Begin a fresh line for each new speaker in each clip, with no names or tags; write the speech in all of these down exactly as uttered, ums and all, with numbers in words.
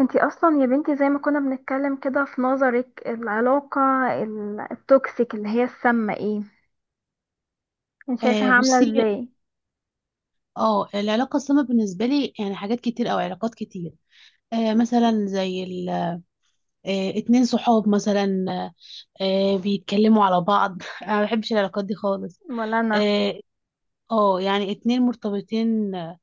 انتي اصلا يا بنتي زي ما كنا بنتكلم كده، في نظرك العلاقة ال- التوكسيك اللي هي السامة، ايه؟ انت
آه،
شايفاها عاملة
بصي.
ازاي؟
اه العلاقة السامة بالنسبة لي يعني حاجات كتير أو علاقات كتير. آه مثلا زي ال آه اتنين صحاب مثلا، آه بيتكلموا على بعض. أنا ما بحبش العلاقات دي خالص.
ولا انا.
اه. آه، يعني اتنين مرتبطين آه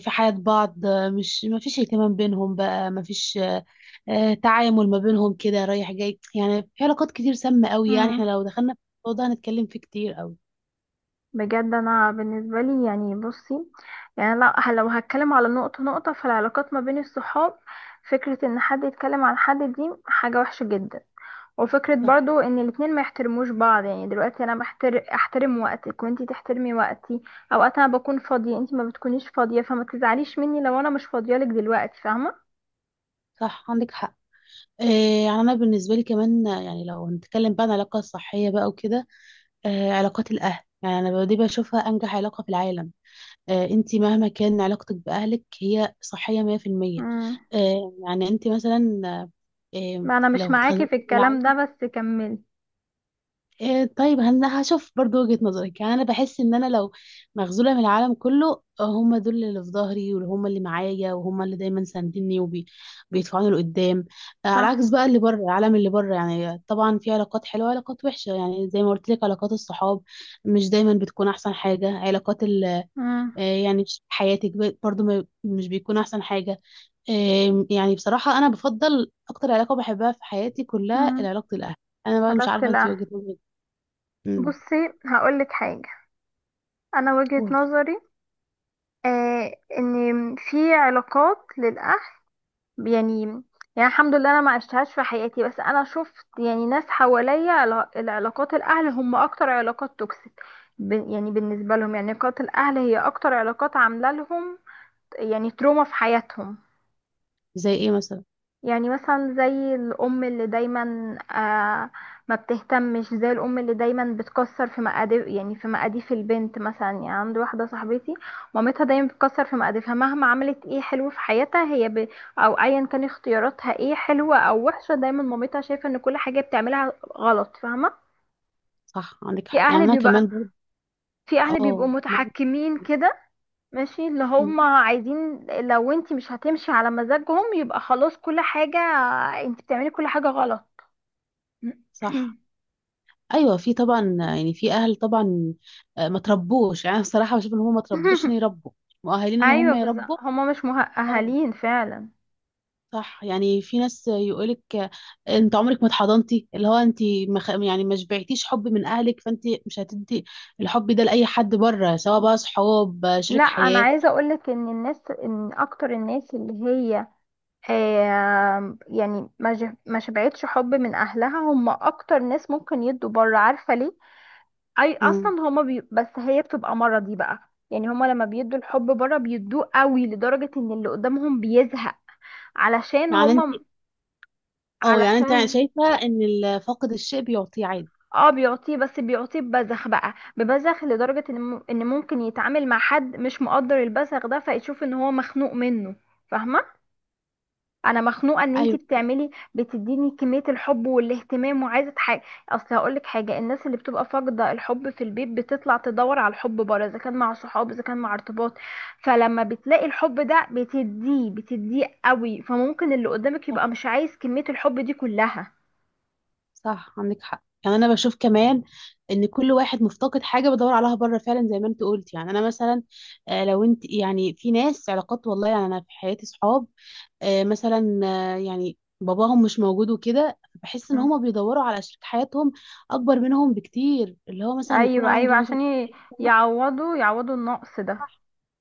في حياة بعض، آه، مش ما فيش اهتمام بينهم بقى ما فيش آه آه، تعامل ما بينهم كده رايح جاي. يعني في علاقات كتير سامة قوي. يعني احنا
مم.
لو دخلنا في الموضوع ده هنتكلم فيه كتير قوي.
بجد انا بالنسبة لي، يعني بصي، يعني لا، ه- لو هتكلم على نقطة نقطة، فالعلاقات ما بين الصحاب، فكرة ان حد يتكلم عن حد دي حاجة وحشة جدا. وفكرة
صح.
برضو ان الاتنين ما يحترموش بعض. يعني دلوقتي انا بحتر... احترم وقتك وانتي تحترمي وقتي. اوقات انا بكون فاضية، انتي ما بتكونيش فاضية، فما تزعليش مني لو انا مش فاضية لك دلوقتي. فاهمة؟
صح عندك حق. آه، يعني انا بالنسبه لي كمان، آه، يعني لو هنتكلم بقى عن العلاقه الصحيه بقى وكده. آه، علاقات الاهل، يعني انا دي بشوفها انجح علاقه في العالم. آه، انت مهما كان علاقتك باهلك هي صحيه مية في المية.
امم.
آه، يعني انت مثلا، آه، آه،
ما انا مش
لو
معاكي
اتخذلتي
في
من
الكلام
العالم.
ده، بس كملي.
إيه طيب، انا هشوف برضو وجهة نظرك. يعني انا بحس ان انا لو مغزولة من العالم كله، آه، هم دول اللي في ظهري وهم اللي معايا وهم اللي دايما ساندني وبيدفعوني لقدام. آه، على العكس
صح.
بقى، اللي بره العالم اللي بره، يعني طبعا في علاقات حلوة وعلاقات وحشة. يعني زي ما قلت لك، علاقات الصحاب مش دايما بتكون احسن حاجة. علاقات ال
امم.
آه، يعني في حياتك ب- برضو ما- مش بيكون احسن حاجة. آه، يعني بصراحة انا بفضل اكتر علاقة بحبها في حياتي كلها
امم.
علاقة الاهل. انا بقى مش
علاقة
عارفة انت
لا،
وجهة نظرك.
بصي هقولك حاجة. انا وجهة
قولي.
نظري آه ان في علاقات للاهل، يعني يعني الحمد لله انا ما عشتهاش في حياتي، بس انا شفت يعني ناس حواليا علا- العلاقات الاهل هم اكتر علاقات توكسيك. ب- يعني بالنسبه لهم، يعني علاقات الاهل هي اكتر علاقات عامله لهم يعني تروما في حياتهم.
زي ايه مثلا؟
يعني مثلا زي الأم اللي دايما آه ما بتهتمش، زي الأم اللي دايما بتكسر في مقاديف، يعني في مقاديف البنت مثلا. يعني عندي واحدة صاحبتي مامتها دايما بتكسر في مقاديفها، مهما عملت ايه حلو في حياتها هي ب... أو أيا كان اختياراتها ايه، حلوة أو وحشة، دايما مامتها شايفة ان كل حاجة بتعملها غلط. فاهمة؟
صح عندك
في
حق، يعني
أهل
انا
بيبقى
كمان برضه.
في أهل بيبقوا
اه، معاك.
متحكمين كده، ماشي اللي هم
مم.
عايزين. لو انت مش هتمشي على مزاجهم يبقى خلاص، كل حاجة انت بتعملي كل حاجة غلط.
صح. ايوه في طبعا، يعني في اهل طبعا آه، ما تربوش. يعني أنا بصراحه بشوف ان هم ما تربوش ان يربوا مؤهلين ان
ايوه
هم
بالظبط،
يربوا.
هما مش
اه.
مؤهلين فعلا.
صح. يعني في ناس يقولك آه، انت عمرك ما اتحضنتي، اللي هو انت ما خ- يعني ما شبعتيش حب من اهلك، فانت مش هتدي الحب ده لاي حد بره، سواء بقى صحاب آه،
لا،
شريك
انا
حياه.
عايزه اقولك ان الناس، ان اكتر الناس اللي هي آه يعني ما ج- ما شبعتش حب من اهلها، هم اكتر ناس ممكن يدوا بره. عارفه ليه؟ اي اصلا
مم.
هما بي، بس هي بتبقى مرضي بقى. يعني هما لما بيدوا الحب بره بيدوه قوي، لدرجه ان اللي قدامهم بيزهق علشان
يعني انت،
هما،
اه يعني انت
علشان.
شايفه ان ال- فاقد الشيء بيعطيه عادي.
اه بيعطيه، بس بيعطيه ببذخ بقى، ببذخ لدرجة ان م- إن ممكن يتعامل مع حد مش مقدر البذخ ده، فيشوف ان هو مخنوق منه. فاهمة؟ انا مخنوقة ان انتي
ايوه.
بتعملي بتديني كمية الحب والاهتمام، وعايزة حاجة. اصل هقولك حاجة، الناس اللي بتبقى فاقدة الحب في البيت بتطلع تدور على الحب بره، اذا كان مع صحاب، اذا كان مع ارتباط. فلما بتلاقي الحب ده بتديه بتديه قوي، فممكن اللي قدامك
صح.
يبقى مش عايز كمية الحب دي كلها.
صح عندك حق. يعني انا بشوف كمان ان كل واحد مفتقد حاجه بدور عليها بره فعلا، زي ما انت قلت. يعني انا مثلا، آه، لو انت، يعني في ناس علاقات والله. يعني انا في حياتي صحاب آه، مثلا، آه، يعني باباهم مش موجود وكده، بحس ان هما بيدوروا على شريك حياتهم اكبر منهم بكتير. اللي هو مثلا يكون
ايوه، ايوه،
عنده مثلا،
عشان ي- يعوضوا يعوضوا النقص ده.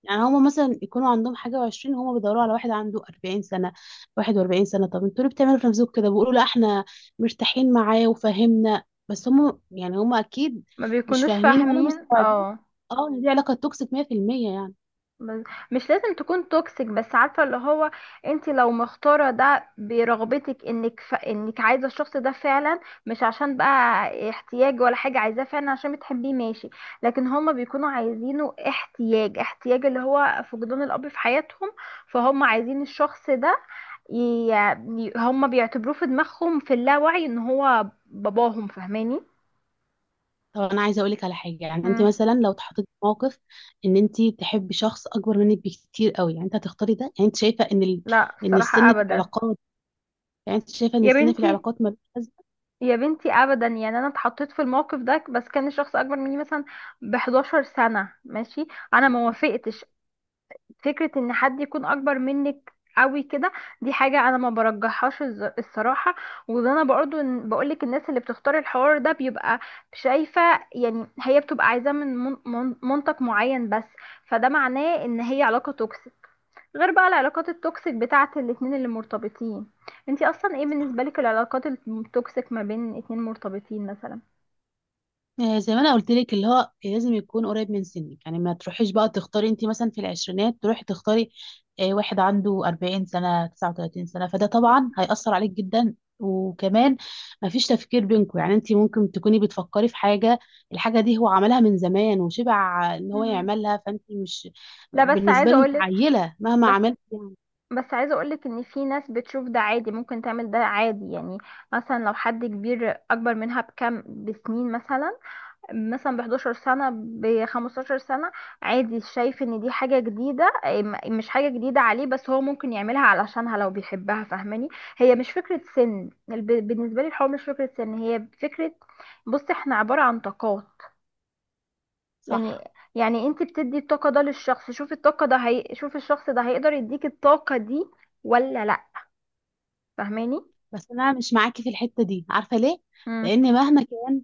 يعني هما مثلا يكونوا عندهم حاجة وعشرين، هما بيدوروا على واحد عنده أربعين سنة، واحد وأربعين سنة. طب انتوا ليه بتعملوا في نفسكم كده؟ بيقولوا لا احنا مرتاحين معاه وفاهمنا، بس هما، يعني هما أكيد
ما
مش
بيكونوش
فاهمين ولا
فاهمين،
مستوعبين.
اه.
اه، إن دي علاقة توكسيك مية في المية. يعني.
بس- مش لازم تكون توكسيك، بس عارفه اللي هو انت لو مختاره ده برغبتك، انك ف... انك عايزه الشخص ده فعلا، مش عشان بقى احتياج ولا حاجه، عايزاه فعلا عشان بتحبيه، ماشي. لكن هما بيكونوا عايزينه احتياج، احتياج اللي هو فقدان الاب في حياتهم، فهم عايزين الشخص ده ي... ي- هما بيعتبروه في دماغهم في اللاوعي ان هو باباهم. فاهماني؟
طب أنا عايزة أقولك على حاجة. يعني أنت
مم.
مثلا لو اتحطيتي في موقف إن أنت تحبي شخص أكبر منك بكتير قوي، يعني أنت هتختاري ده؟ يعني انت شايفه ان ال...
لا،
ان
الصراحة
السن في
أبدا.
العلاقات، يعني انت شايفه ان
يا
السن في
بنتي،
العلاقات ملوش
يا بنتي أبدا. يعني أنا اتحطيت في الموقف ده، بس كان شخص أكبر مني مثلا ب احدعشر سنة، ماشي. أنا ما
لازمه؟
وافقتش. فكرة إن حد يكون أكبر منك قوي كده، دي حاجة أنا ما برجحهاش الز- الصراحة. وده أنا برضو إن- بقولك، الناس اللي بتختار الحوار ده بيبقى شايفة يعني هي بتبقى عايزاه من من- من- منطق معين بس. فده معناه إن هي علاقة توكسيك. غير بقى العلاقات التوكسيك بتاعت الاتنين اللي مرتبطين. انتي اصلا ايه بالنسبة لك العلاقات التوكسيك ما بين اتنين مرتبطين مثلا؟
آه، زي ما انا قلت لك، اللي هو لازم يكون قريب من سنك. يعني ما تروحيش بقى تختاري، انت مثلا في العشرينات تروحي تختاري آه، واحد عنده أربعين سنة تسعة وتلاتين سنة. فده طبعا هيأثر عليك جدا. وكمان ما فيش تفكير بينكم. يعني انت ممكن تكوني بتفكري في حاجة، الحاجة دي هو عملها من زمان وشبع ان هو
مم.
يعملها، فانت مش،
لا، بس
بالنسبة
عايزه
له انت
اقولك
عيلة مهما
بس
عملت يعني.
بس عايزه اقولك ان في ناس بتشوف ده عادي، ممكن تعمل ده عادي. يعني مثلا لو حد كبير اكبر منها بكم بسنين، مثلا مثلا ب احدعشر سنة، ب خمستاشر سنة، عادي. شايف ان دي حاجة جديدة، إيه، م- مش حاجة جديدة عليه، بس هو ممكن يعملها علشانها لو بيحبها. فاهماني؟ هي مش فكرة سن، الب- بالنسبة لي الحوار مش فكرة سن، هي فكرة، بص، احنا عبارة عن طاقات،
صح.
يعني يعني انت بتدي الطاقة ده للشخص، شوف الطاقة ده هي... شوف الشخص ده هيقدر يديك الطاقة دي ولا لا. فاهماني؟
بس انا مش معاكي في الحته دي، عارفه ليه؟ لان مهما كان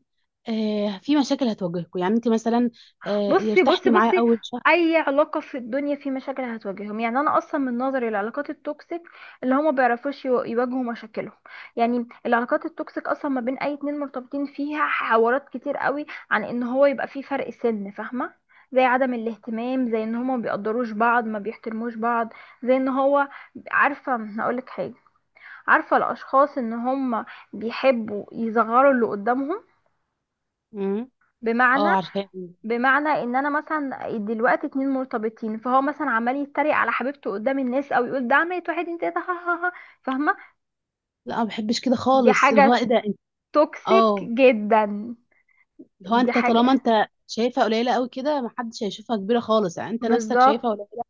آه في مشاكل هتواجهكم. يعني انت مثلا آه
بصي، بصي،
ارتحتي معاه
بصي،
اول شهر.
اي علاقه في الدنيا في مشاكل هتواجههم. يعني انا اصلا من نظري، العلاقات التوكسيك اللي هما بيعرفوش يو- يواجهوا مشاكلهم. يعني العلاقات التوكسيك اصلا ما بين اي اتنين مرتبطين فيها حوارات كتير قوي عن ان هو يبقى في فرق سن، فاهمه؟ زي عدم الاهتمام، زي ان هما ما بيقدروش بعض، ما بيحترموش بعض، زي ان هو عارفه هقولك حاجه، عارفه الاشخاص ان هما بيحبوا يصغروا اللي قدامهم؟
امم.
بمعنى
اه، عارفاه.
بمعنى ان انا مثلا دلوقتي اتنين مرتبطين، فهو مثلا عمال يتريق على حبيبته قدام الناس، او يقول ده عملت واحد اتنين تلاته، ها ها ها. فاهمه؟
لا ما بحبش كده
دي
خالص. اللي هو
حاجه
ايه ده انت؟
توكسيك
اه،
جدا.
اللي هو
دي
انت طالما
حاجه
انت شايفها قليله قوي كده، ما حدش هيشوفها كبيره خالص. يعني انت نفسك
بالظبط.
شايفها قليله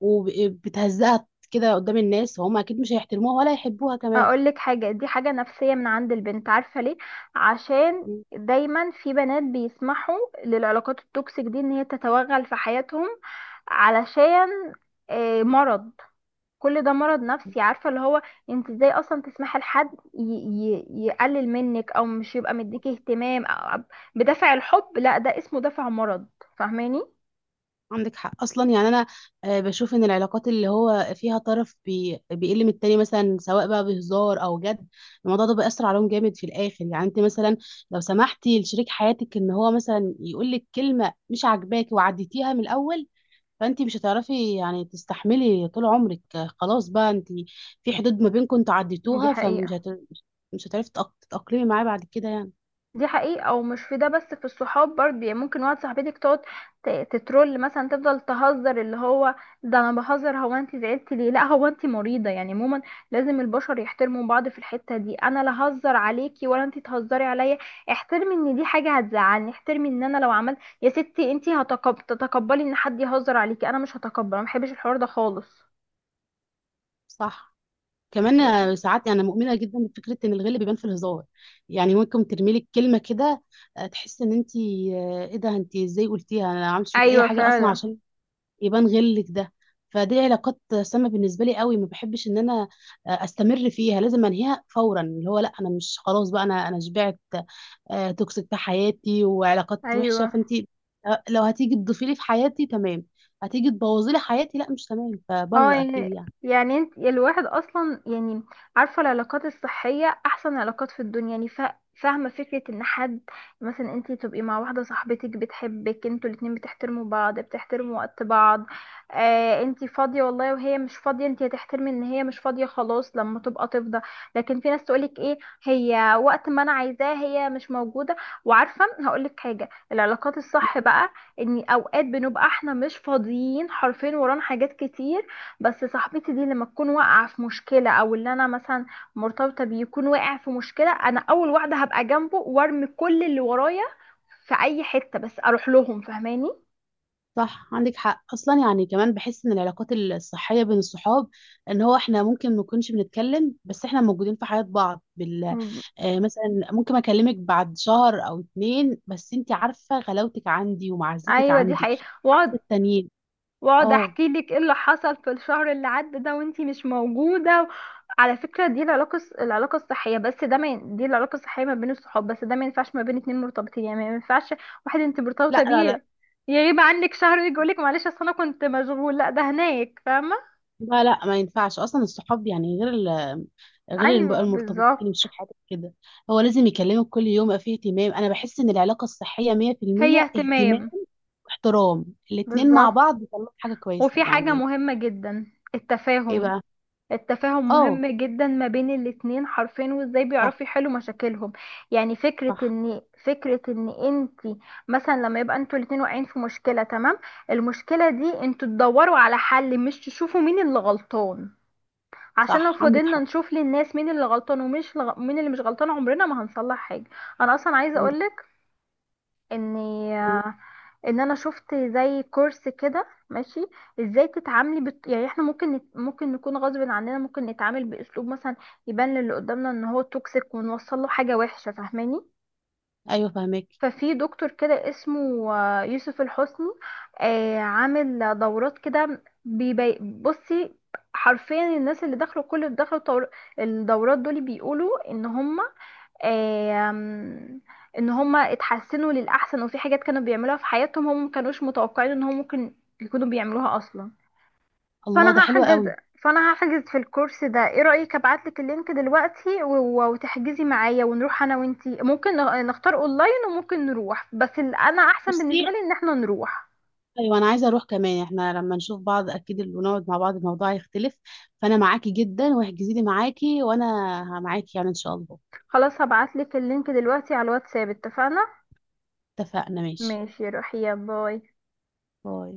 وبتهزقها كده قدام الناس، وهم اكيد مش هيحترموها ولا يحبوها كمان.
اقول لك حاجه، دي حاجه نفسيه من عند البنت. عارفه ليه؟ عشان
مم.
دايما في بنات بيسمحوا للعلاقات التوكسيك دي ان هي تتوغل في حياتهم. علشان آه، مرض. كل ده مرض نفسي. عارفة اللي هو انت ازاي اصلا تسمحي لحد ي... ي... يقلل منك، او مش يبقى مديكي اهتمام أو... بدافع الحب؟ لا، ده اسمه دافع مرض. فاهماني؟
عندك حق اصلا. يعني انا آه، بشوف ان العلاقات اللي هو فيها طرف بي- بيقل من التاني، مثلا سواء بقى بهزار او جد، الموضوع ده بيأثر عليهم جامد في الاخر. يعني انت مثلا لو سمحتي لشريك حياتك ان هو مثلا يقول لك كلمه مش عاجباكي وعديتيها من الاول، فانت مش هتعرفي يعني تستحملي طول عمرك. آه، خلاص بقى انت في حدود ما بينكم انتوا
دي
عديتوها، فمش
حقيقة
هت... مش هتعرفي تتأق- تتأقلمي معاه بعد كده يعني.
دي حقيقة ومش في ده بس، في الصحاب برضه. يعني ممكن واحد صاحبتك تقعد ت- تترول مثلا، تفضل تهزر اللي هو ده انا بهزر. هو انت زعلتي ليه؟ لا، هو انت مريضة يعني؟ عموما لازم البشر يحترموا بعض في الحتة دي، انا لا هزر عليكي ولا انت تهزري عليا. احترمي ان دي حاجة هتزعلني، احترمي ان انا لو عملت يا ستي، انت هتقب... تتقبلي ان حد يهزر عليكي؟ انا مش هتقبل، انا محبش الحوار ده خالص.
صح. كمان
يعني.
آه، ساعات انا مؤمنه جدا بفكره ان الغل بيبان في الهزار. يعني ممكن ترمي لك كلمه كده، آه، تحس ان انت ايه ده؟ انت ازاي قلتيها؟ انا ما عملتش فيك اي
ايوه
حاجه اصلا
فعلا.
عشان يبان غلك ده. فدي علاقات سامه بالنسبه لي قوي، ما بحبش ان انا آه، استمر فيها. لازم انهيها فورا. اللي هو لا، انا مش، خلاص بقى، انا انا شبعت آه، توكسيك في حياتي وعلاقات وحشه.
ايوه،
فانت آه، لو هتيجي تضيفي لي في حياتي تمام، هتيجي تبوظي لي حياتي لا مش تمام
اه،
فبره اكيد
يعني،
يعني.
يعني انت، يعني الواحد اصلا يعني عارفه العلاقات الصحيه احسن علاقات في الدنيا. يعني فا- فاهمه فكره ان حد مثلا انت تبقي مع واحده صاحبتك بتحبك، انتوا الاتنين بتحترموا بعض، بتحترموا وقت بعض. آه انت فاضيه والله، وهي مش فاضيه، انت هتحترمي ان هي مش فاضيه، خلاص لما تبقى تفضى. لكن في ناس تقولك ايه، هي وقت ما انا عايزاها هي مش موجوده. وعارفه هقولك حاجه، العلاقات الصح بقى ان اوقات بنبقى احنا مش فاضيين حرفيا، ورانا حاجات كتير، بس صاحبتي دي لما تكون واقعة في مشكلة، او اللي انا مثلا مرتبطة بيه يكون واقع في مشكلة، انا اول واحدة هبقى جنبه وارمي كل اللي ورايا في اي حتة بس اروح لهم. فاهماني؟
صح عندك حق اصلا. يعني كمان بحس ان العلاقات الصحيه بين الصحاب ان هو احنا ممكن ما نكونش بنتكلم، بس احنا موجودين في حياه بعض، بال
مم.
آه مثلا ممكن اكلمك بعد شهر او اتنين، بس انت عارفه غلاوتك عندي ومعزتك
ايوه دي
عندي،
حقيقة.
عكس
واقعد،
التانيين.
واقعد
اه.
احكي لك ايه اللي حصل في الشهر اللي عدى ده وانتي مش موجوده. على فكره، دي العلاقه الص- العلاقه الصحيه. بس ده ما ين- دي العلاقه الصحيه ما بين الصحاب بس، ده ما ينفعش ما بين اتنين مرتبطين، يعني ما ينفعش واحد انت مرتبطه
لا لا لا.
بيه يغيب عنك شهر يجي يقولك معلش اصل انا كنت مشغول، لا ده هناك. فاهمه؟
لا لا ما ينفعش اصلا. الصحاب يعني غير ال غير الم-
ايوه
المرتبطين،
بالظبط.
مش شريك حياتك كده. هو لازم يكلمك كل يوم يبقى فيه اهتمام. انا بحس ان العلاقه الصحيه
هي
مية في المية اهتمام
اهتمام.
واحترام. الاتنين مع
بالظبط.
بعض بيطلعوا حاجة كويسة
وفي حاجه
يعني.
مهمه جدا،
ايه
التفاهم.
بقى؟
التفاهم
اه.
مهم جدا ما بين الاتنين حرفين، وازاي
صح.
بيعرفوا يحلوا مشاكلهم. يعني فكرة
صح.
ان فكرة ان انت مثلا لما يبقى انتوا الاتنين واقعين في مشكلة، تمام؟ المشكلة دي انتوا تدوروا على حل، مش تشوفوا مين اللي غلطان. عشان لو
صح عندك
فضلنا
حق.
نشوف للناس مين اللي غلطان ومش لغ... مين اللي مش غلطان، عمرنا ما هنصلح حاجة. انا اصلا عايزة
عندك
اقولك ان
حق.
ان انا شفت زي كورس كده، ماشي، ازاي تتعاملي بت... يعني احنا ممكن نت... ممكن نكون غصب عننا ممكن نتعامل باسلوب مثلا يبان للي قدامنا ان هو توكسيك، ونوصل له حاجه وحشه. فاهماني؟
ايوه، فهمك.
ففي دكتور كده اسمه آه، يوسف الحسني، آه، عامل دورات كده، بيبي... بصي، حرفيا الناس اللي دخلوا، كل اللي دخلوا طور- الدورات دول بيقولوا ان هم، آم، ان هم اتحسنوا للاحسن. وفي حاجات كانوا بيعملوها في حياتهم هم مكانوش متوقعين ان هم ممكن يكونوا بيعملوها اصلا.
الله، ده
فانا
حلو
هحجز
قوي.
فانا هحجز في الكورس ده. ايه رايك ابعتلك اللينك دلوقتي و- و- وتحجزي معايا ونروح انا وانتي؟ ممكن نغ- نختار اونلاين، وممكن نروح، بس ال- انا احسن
بصي،
بالنسبه لي ان احنا نروح.
ايوه انا عايزه اروح كمان. احنا لما نشوف بعض اكيد اللي ونقعد مع بعض الموضوع هيختلف. فانا معاكي جدا، واحجزي لي معاكي وانا معاكي يعني، ان شاء الله.
خلاص هبعتلك اللينك دلوقتي على الواتساب، اتفقنا؟
اتفقنا. ماشي،
ماشي، روحي، يا باي.
باي.